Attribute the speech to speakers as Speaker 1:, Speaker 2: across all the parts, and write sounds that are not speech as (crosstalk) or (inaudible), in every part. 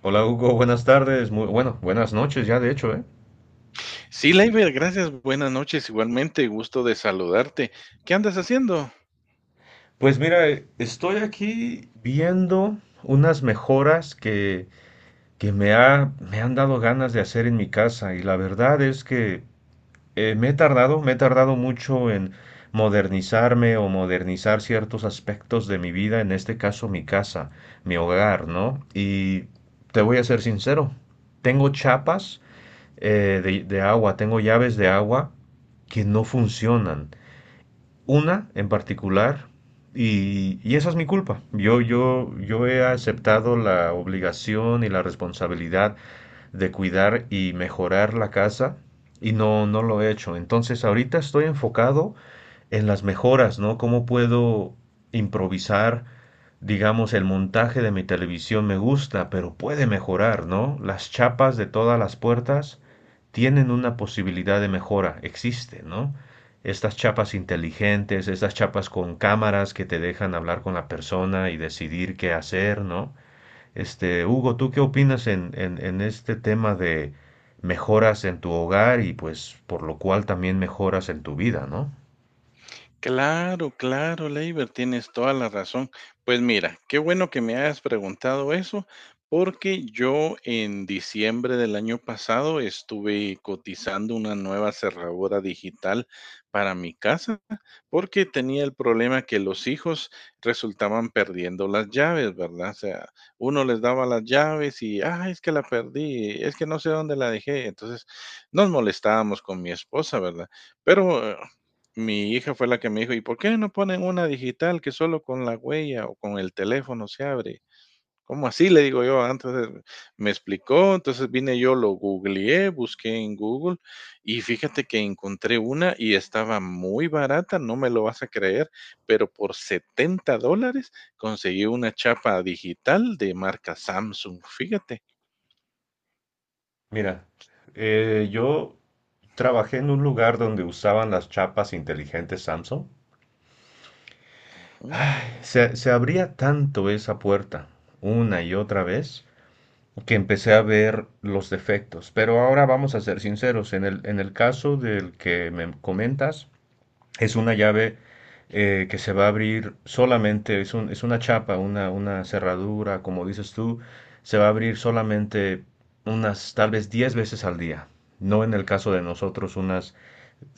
Speaker 1: Hola Hugo, buenas tardes, buenas noches ya de hecho, ¿eh?
Speaker 2: Sí, Laiber, gracias. Buenas noches, igualmente, gusto de saludarte. ¿Qué andas haciendo?
Speaker 1: Pues mira, estoy aquí viendo unas mejoras que me han dado ganas de hacer en mi casa y la verdad es que me he tardado mucho en modernizarme o modernizar ciertos aspectos de mi vida, en este caso mi casa, mi hogar, ¿no? Y te voy a ser sincero, tengo chapas de agua, tengo llaves de agua que no funcionan. Una en particular. Y esa es mi culpa. Yo he aceptado la obligación y la responsabilidad de cuidar y mejorar la casa y no, no lo he hecho. Entonces ahorita estoy enfocado en las mejoras, ¿no? ¿Cómo puedo improvisar? Digamos, el montaje de mi televisión me gusta, pero puede mejorar, ¿no? Las chapas de todas las puertas tienen una posibilidad de mejora, existe, ¿no? Estas chapas inteligentes, estas chapas con cámaras que te dejan hablar con la persona y decidir qué hacer, ¿no? Este, Hugo, ¿tú qué opinas en este tema de mejoras en tu hogar y pues por lo cual también mejoras en tu vida, ¿no?
Speaker 2: Claro, claro, Leiber, tienes toda la razón. Pues mira, qué bueno que me hayas preguntado eso, porque yo en diciembre del año pasado estuve cotizando una nueva cerradura digital para mi casa, porque tenía el problema que los hijos resultaban perdiendo las llaves, ¿verdad? O sea, uno les daba las llaves y, es que la perdí, es que no sé dónde la dejé. Entonces, nos molestábamos con mi esposa, ¿verdad? Pero mi hija fue la que me dijo, ¿y por qué no ponen una digital que solo con la huella o con el teléfono se abre? ¿Cómo así? Le digo yo, me explicó, entonces vine yo, lo googleé, busqué en Google y fíjate que encontré una y estaba muy barata, no me lo vas a creer, pero por $70 conseguí una chapa digital de marca Samsung, fíjate.
Speaker 1: Mira, yo trabajé en un lugar donde usaban las chapas inteligentes Samsung.
Speaker 2: Ujú.
Speaker 1: Se abría tanto esa puerta una y otra vez que empecé a ver los defectos. Pero ahora vamos a ser sinceros, en el caso del que me comentas, es una llave que se va a abrir solamente, es, es una chapa, una cerradura, como dices tú, se va a abrir solamente unas tal vez 10 veces al día, no, en el caso de nosotros, unas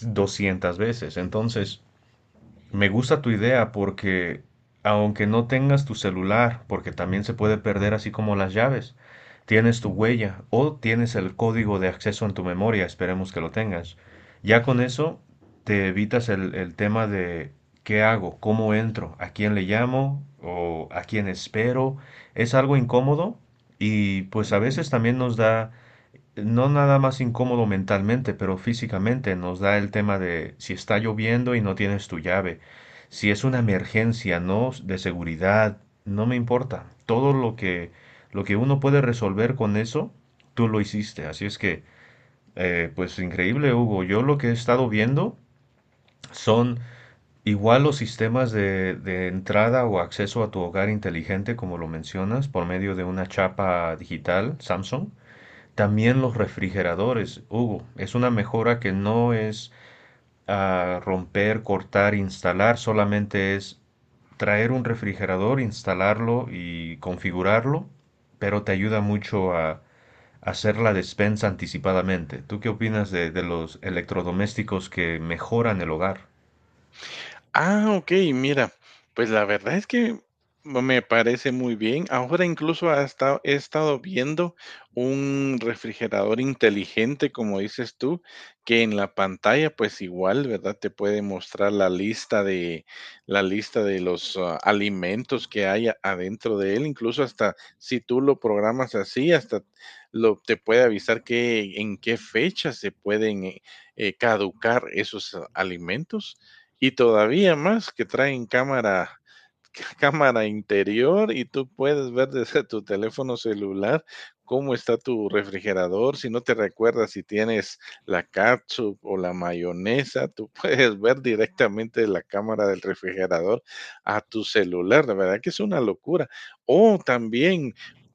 Speaker 1: 200 veces. Entonces, me gusta tu idea porque aunque no tengas tu celular, porque también se puede perder así como las llaves, tienes tu huella o tienes el código de acceso en tu memoria, esperemos que lo tengas. Ya con eso te evitas el tema de qué hago, cómo entro, a quién le llamo o a quién espero. Es algo incómodo y pues a veces también nos da no nada más incómodo mentalmente, pero físicamente nos da el tema de si está lloviendo y no tienes tu llave, si es una emergencia, ¿no? De seguridad, no me importa. Lo que uno puede resolver con eso, tú lo hiciste. Así es que, pues increíble, Hugo. Yo lo que he estado viendo son igual los sistemas de entrada o acceso a tu hogar inteligente, como lo mencionas, por medio de una chapa digital, Samsung. También los refrigeradores, Hugo, es una mejora que no es ah, romper, cortar, instalar, solamente es traer un refrigerador, instalarlo y configurarlo, pero te ayuda mucho a hacer la despensa anticipadamente. ¿Tú qué opinas de los electrodomésticos que mejoran el hogar?
Speaker 2: Ah, okey, mira, pues la verdad es que me parece muy bien. Ahora incluso hasta he estado viendo un refrigerador inteligente, como dices tú, que en la pantalla, pues igual, ¿verdad? Te puede mostrar la lista de los, alimentos que hay a- adentro de él. Incluso hasta si tú lo programas así, hasta lo te puede avisar que en qué fecha se pueden, caducar esos alimentos y todavía más que traen cámara (laughs) cámara interior y tú puedes ver desde tu teléfono celular cómo está tu refrigerador. Si no te recuerdas si tienes la catsup o la mayonesa, (laughs) tú puedes ver directamente de la cámara del refrigerador a tu celular. La verdad que es una locura. O también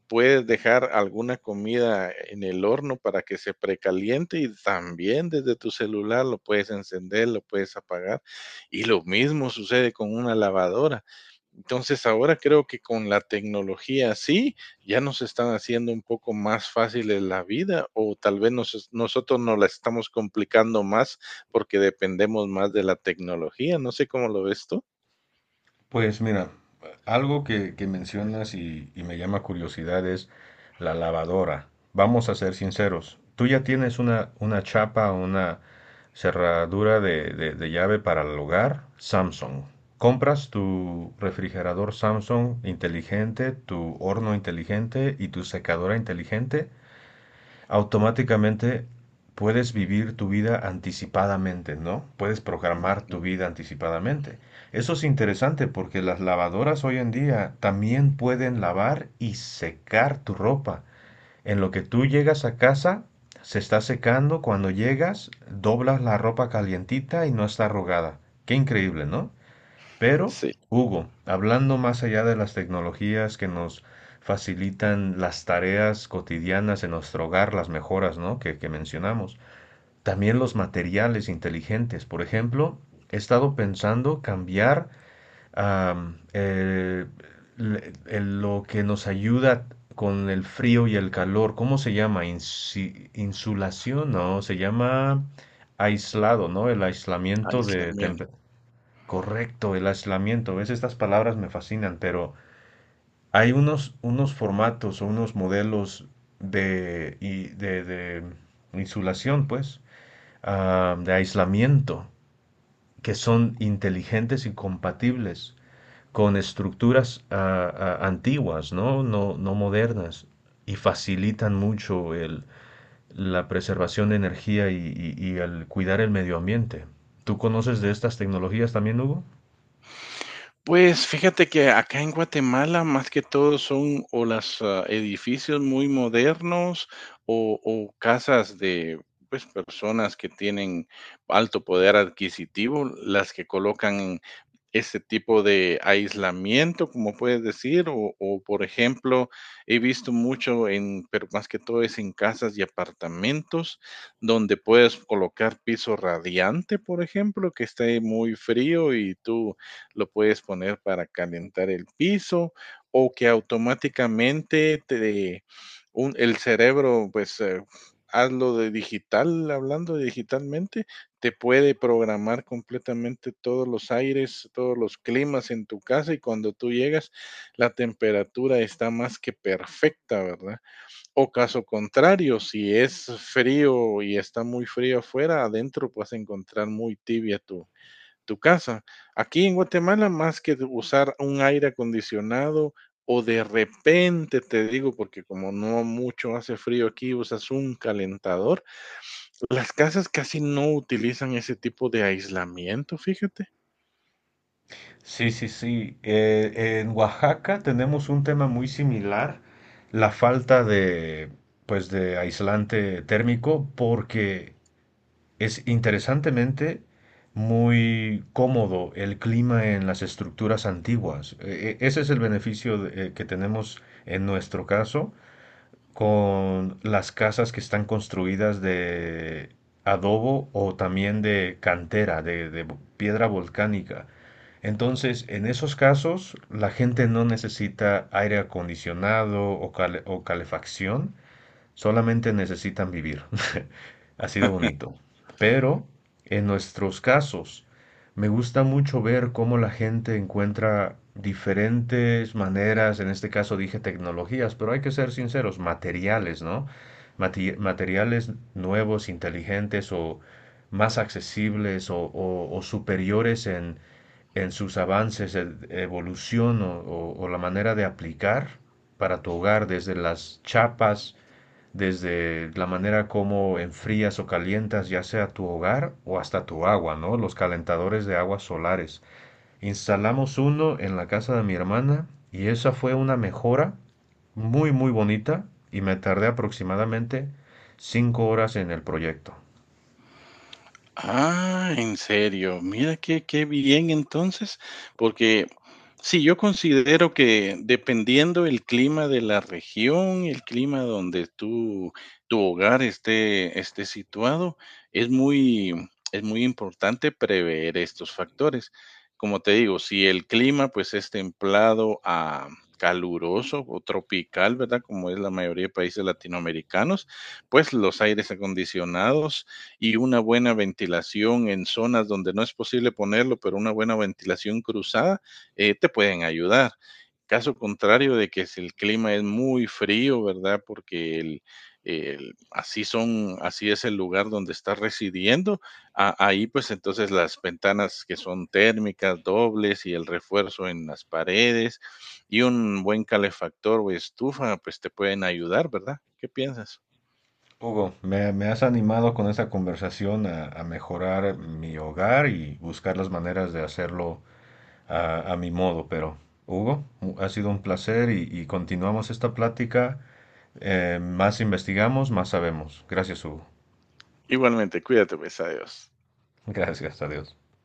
Speaker 2: puedes dejar alguna comida en el horno para que se precaliente y también desde tu celular lo puedes encender, lo puedes apagar. Y lo mismo sucede con una lavadora. Entonces ahora creo que con la tecnología sí, ya nos están haciendo un poco más fáciles la vida o tal vez nosotros nos la estamos complicando más porque dependemos más de la tecnología. No sé cómo lo ves tú.
Speaker 1: Pues mira, algo que mencionas y me llama curiosidad es la lavadora. Vamos a ser sinceros, tú ya tienes una chapa, una cerradura de llave para el hogar Samsung. Compras tu refrigerador Samsung inteligente, tu horno inteligente y tu secadora inteligente automáticamente puedes vivir tu vida anticipadamente, ¿no? Puedes programar
Speaker 2: Ujú.
Speaker 1: tu vida anticipadamente. Eso es interesante porque las lavadoras hoy en día también pueden lavar y secar tu ropa. En lo que tú llegas a casa, se está secando. Cuando llegas, doblas la ropa calientita y no está arrugada. Qué increíble, ¿no? Pero,
Speaker 2: Sí.
Speaker 1: Hugo, hablando más allá de las tecnologías que nos facilitan las tareas cotidianas en nuestro hogar, las mejoras, ¿no? que mencionamos, también los materiales inteligentes. Por ejemplo, he estado pensando cambiar am, eh, lo que nos ayuda con el frío y el calor. ¿Cómo se llama? Insulación, ¿no? Se llama aislado, ¿no? El
Speaker 2: Ay,
Speaker 1: aislamiento de,
Speaker 2: aislamiento.
Speaker 1: correcto, el aislamiento. ¿Ves? Estas palabras me fascinan, pero hay unos formatos o unos modelos de insulación, pues, ah, de aislamiento, que son inteligentes y compatibles con estructuras antiguas, ¿no? No, no modernas, y facilitan mucho la preservación de energía y el cuidar el medio ambiente. ¿Tú conoces de estas tecnologías también, Hugo?
Speaker 2: Pues fíjate que acá en Guatemala, más que todo, son o los edificios muy modernos o casas de, pues, personas que tienen alto poder adquisitivo, las que colocan en este tipo de aislamiento, como puedes decir, o, por ejemplo, he visto mucho en, pero más que todo es en casas y apartamentos, donde puedes colocar piso radiante, por ejemplo, que esté muy frío y tú lo puedes poner para calentar el piso o que automáticamente te, un, el cerebro, pues hazlo de digital, hablando digitalmente, te puede programar completamente todos los aires, todos los climas en tu casa y cuando tú llegas la temperatura está más que perfecta, ¿verdad? O caso contrario, si es frío y está muy frío afuera, adentro vas a encontrar muy tibia tu casa. Aquí en Guatemala, más que de usar un aire acondicionado o de repente, te digo, porque como no mucho hace frío aquí, usas un calentador, las casas casi no utilizan ese tipo de aislamiento, fíjate.
Speaker 1: Sí, sí, sí. En Oaxaca tenemos un tema muy similar, la falta de, pues, de aislante térmico, porque es interesantemente muy cómodo el clima en las estructuras antiguas. Ese es el beneficio que tenemos en nuestro caso con las casas que están construidas de adobo o también de cantera, de piedra volcánica. Entonces, en esos casos, la gente no necesita aire acondicionado o, o calefacción, solamente necesitan vivir, (laughs) así de bonito. Pero en nuestros casos, me gusta mucho ver cómo la gente encuentra diferentes maneras, en este caso dije tecnologías, pero hay que ser sinceros, materiales, ¿no? Materiales nuevos, inteligentes o más accesibles o superiores en sus avances, evolución o la manera de aplicar para tu hogar, desde las chapas, desde la manera como enfrías o calientas ya sea tu hogar o hasta tu agua, ¿no? Los calentadores de aguas solares. Instalamos uno en la casa de mi hermana y esa fue una mejora muy, muy bonita y me tardé aproximadamente 5 horas en el proyecto.
Speaker 2: Ah, en serio, mira qué, qué bien entonces, porque sí, yo considero que dependiendo el clima de la región, el clima donde tú, tu hogar esté, esté situado, es muy, es muy importante prever estos factores. Como te digo, si el clima pues es templado a caluroso o tropical, ¿verdad? Como es la mayoría de países latinoamericanos, pues los aires acondicionados y una buena ventilación en zonas donde no es posible ponerlo, pero una buena ventilación cruzada, te pueden ayudar. Caso contrario de que si el clima es muy frío, ¿verdad? Porque así son, así es el lugar donde estás residiendo, ahí pues entonces las ventanas que son térmicas, dobles y el refuerzo en las paredes y un buen calefactor o estufa, pues te pueden ayudar, ¿verdad? ¿Qué piensas?
Speaker 1: Hugo, me has animado con esta conversación a mejorar mi hogar y buscar las maneras de hacerlo a mi modo, pero Hugo, ha sido un placer y continuamos esta plática. Más investigamos, más sabemos. Gracias, Hugo.
Speaker 2: Igualmente, cuídate, pues, adiós.
Speaker 1: (laughs) Gracias a Dios.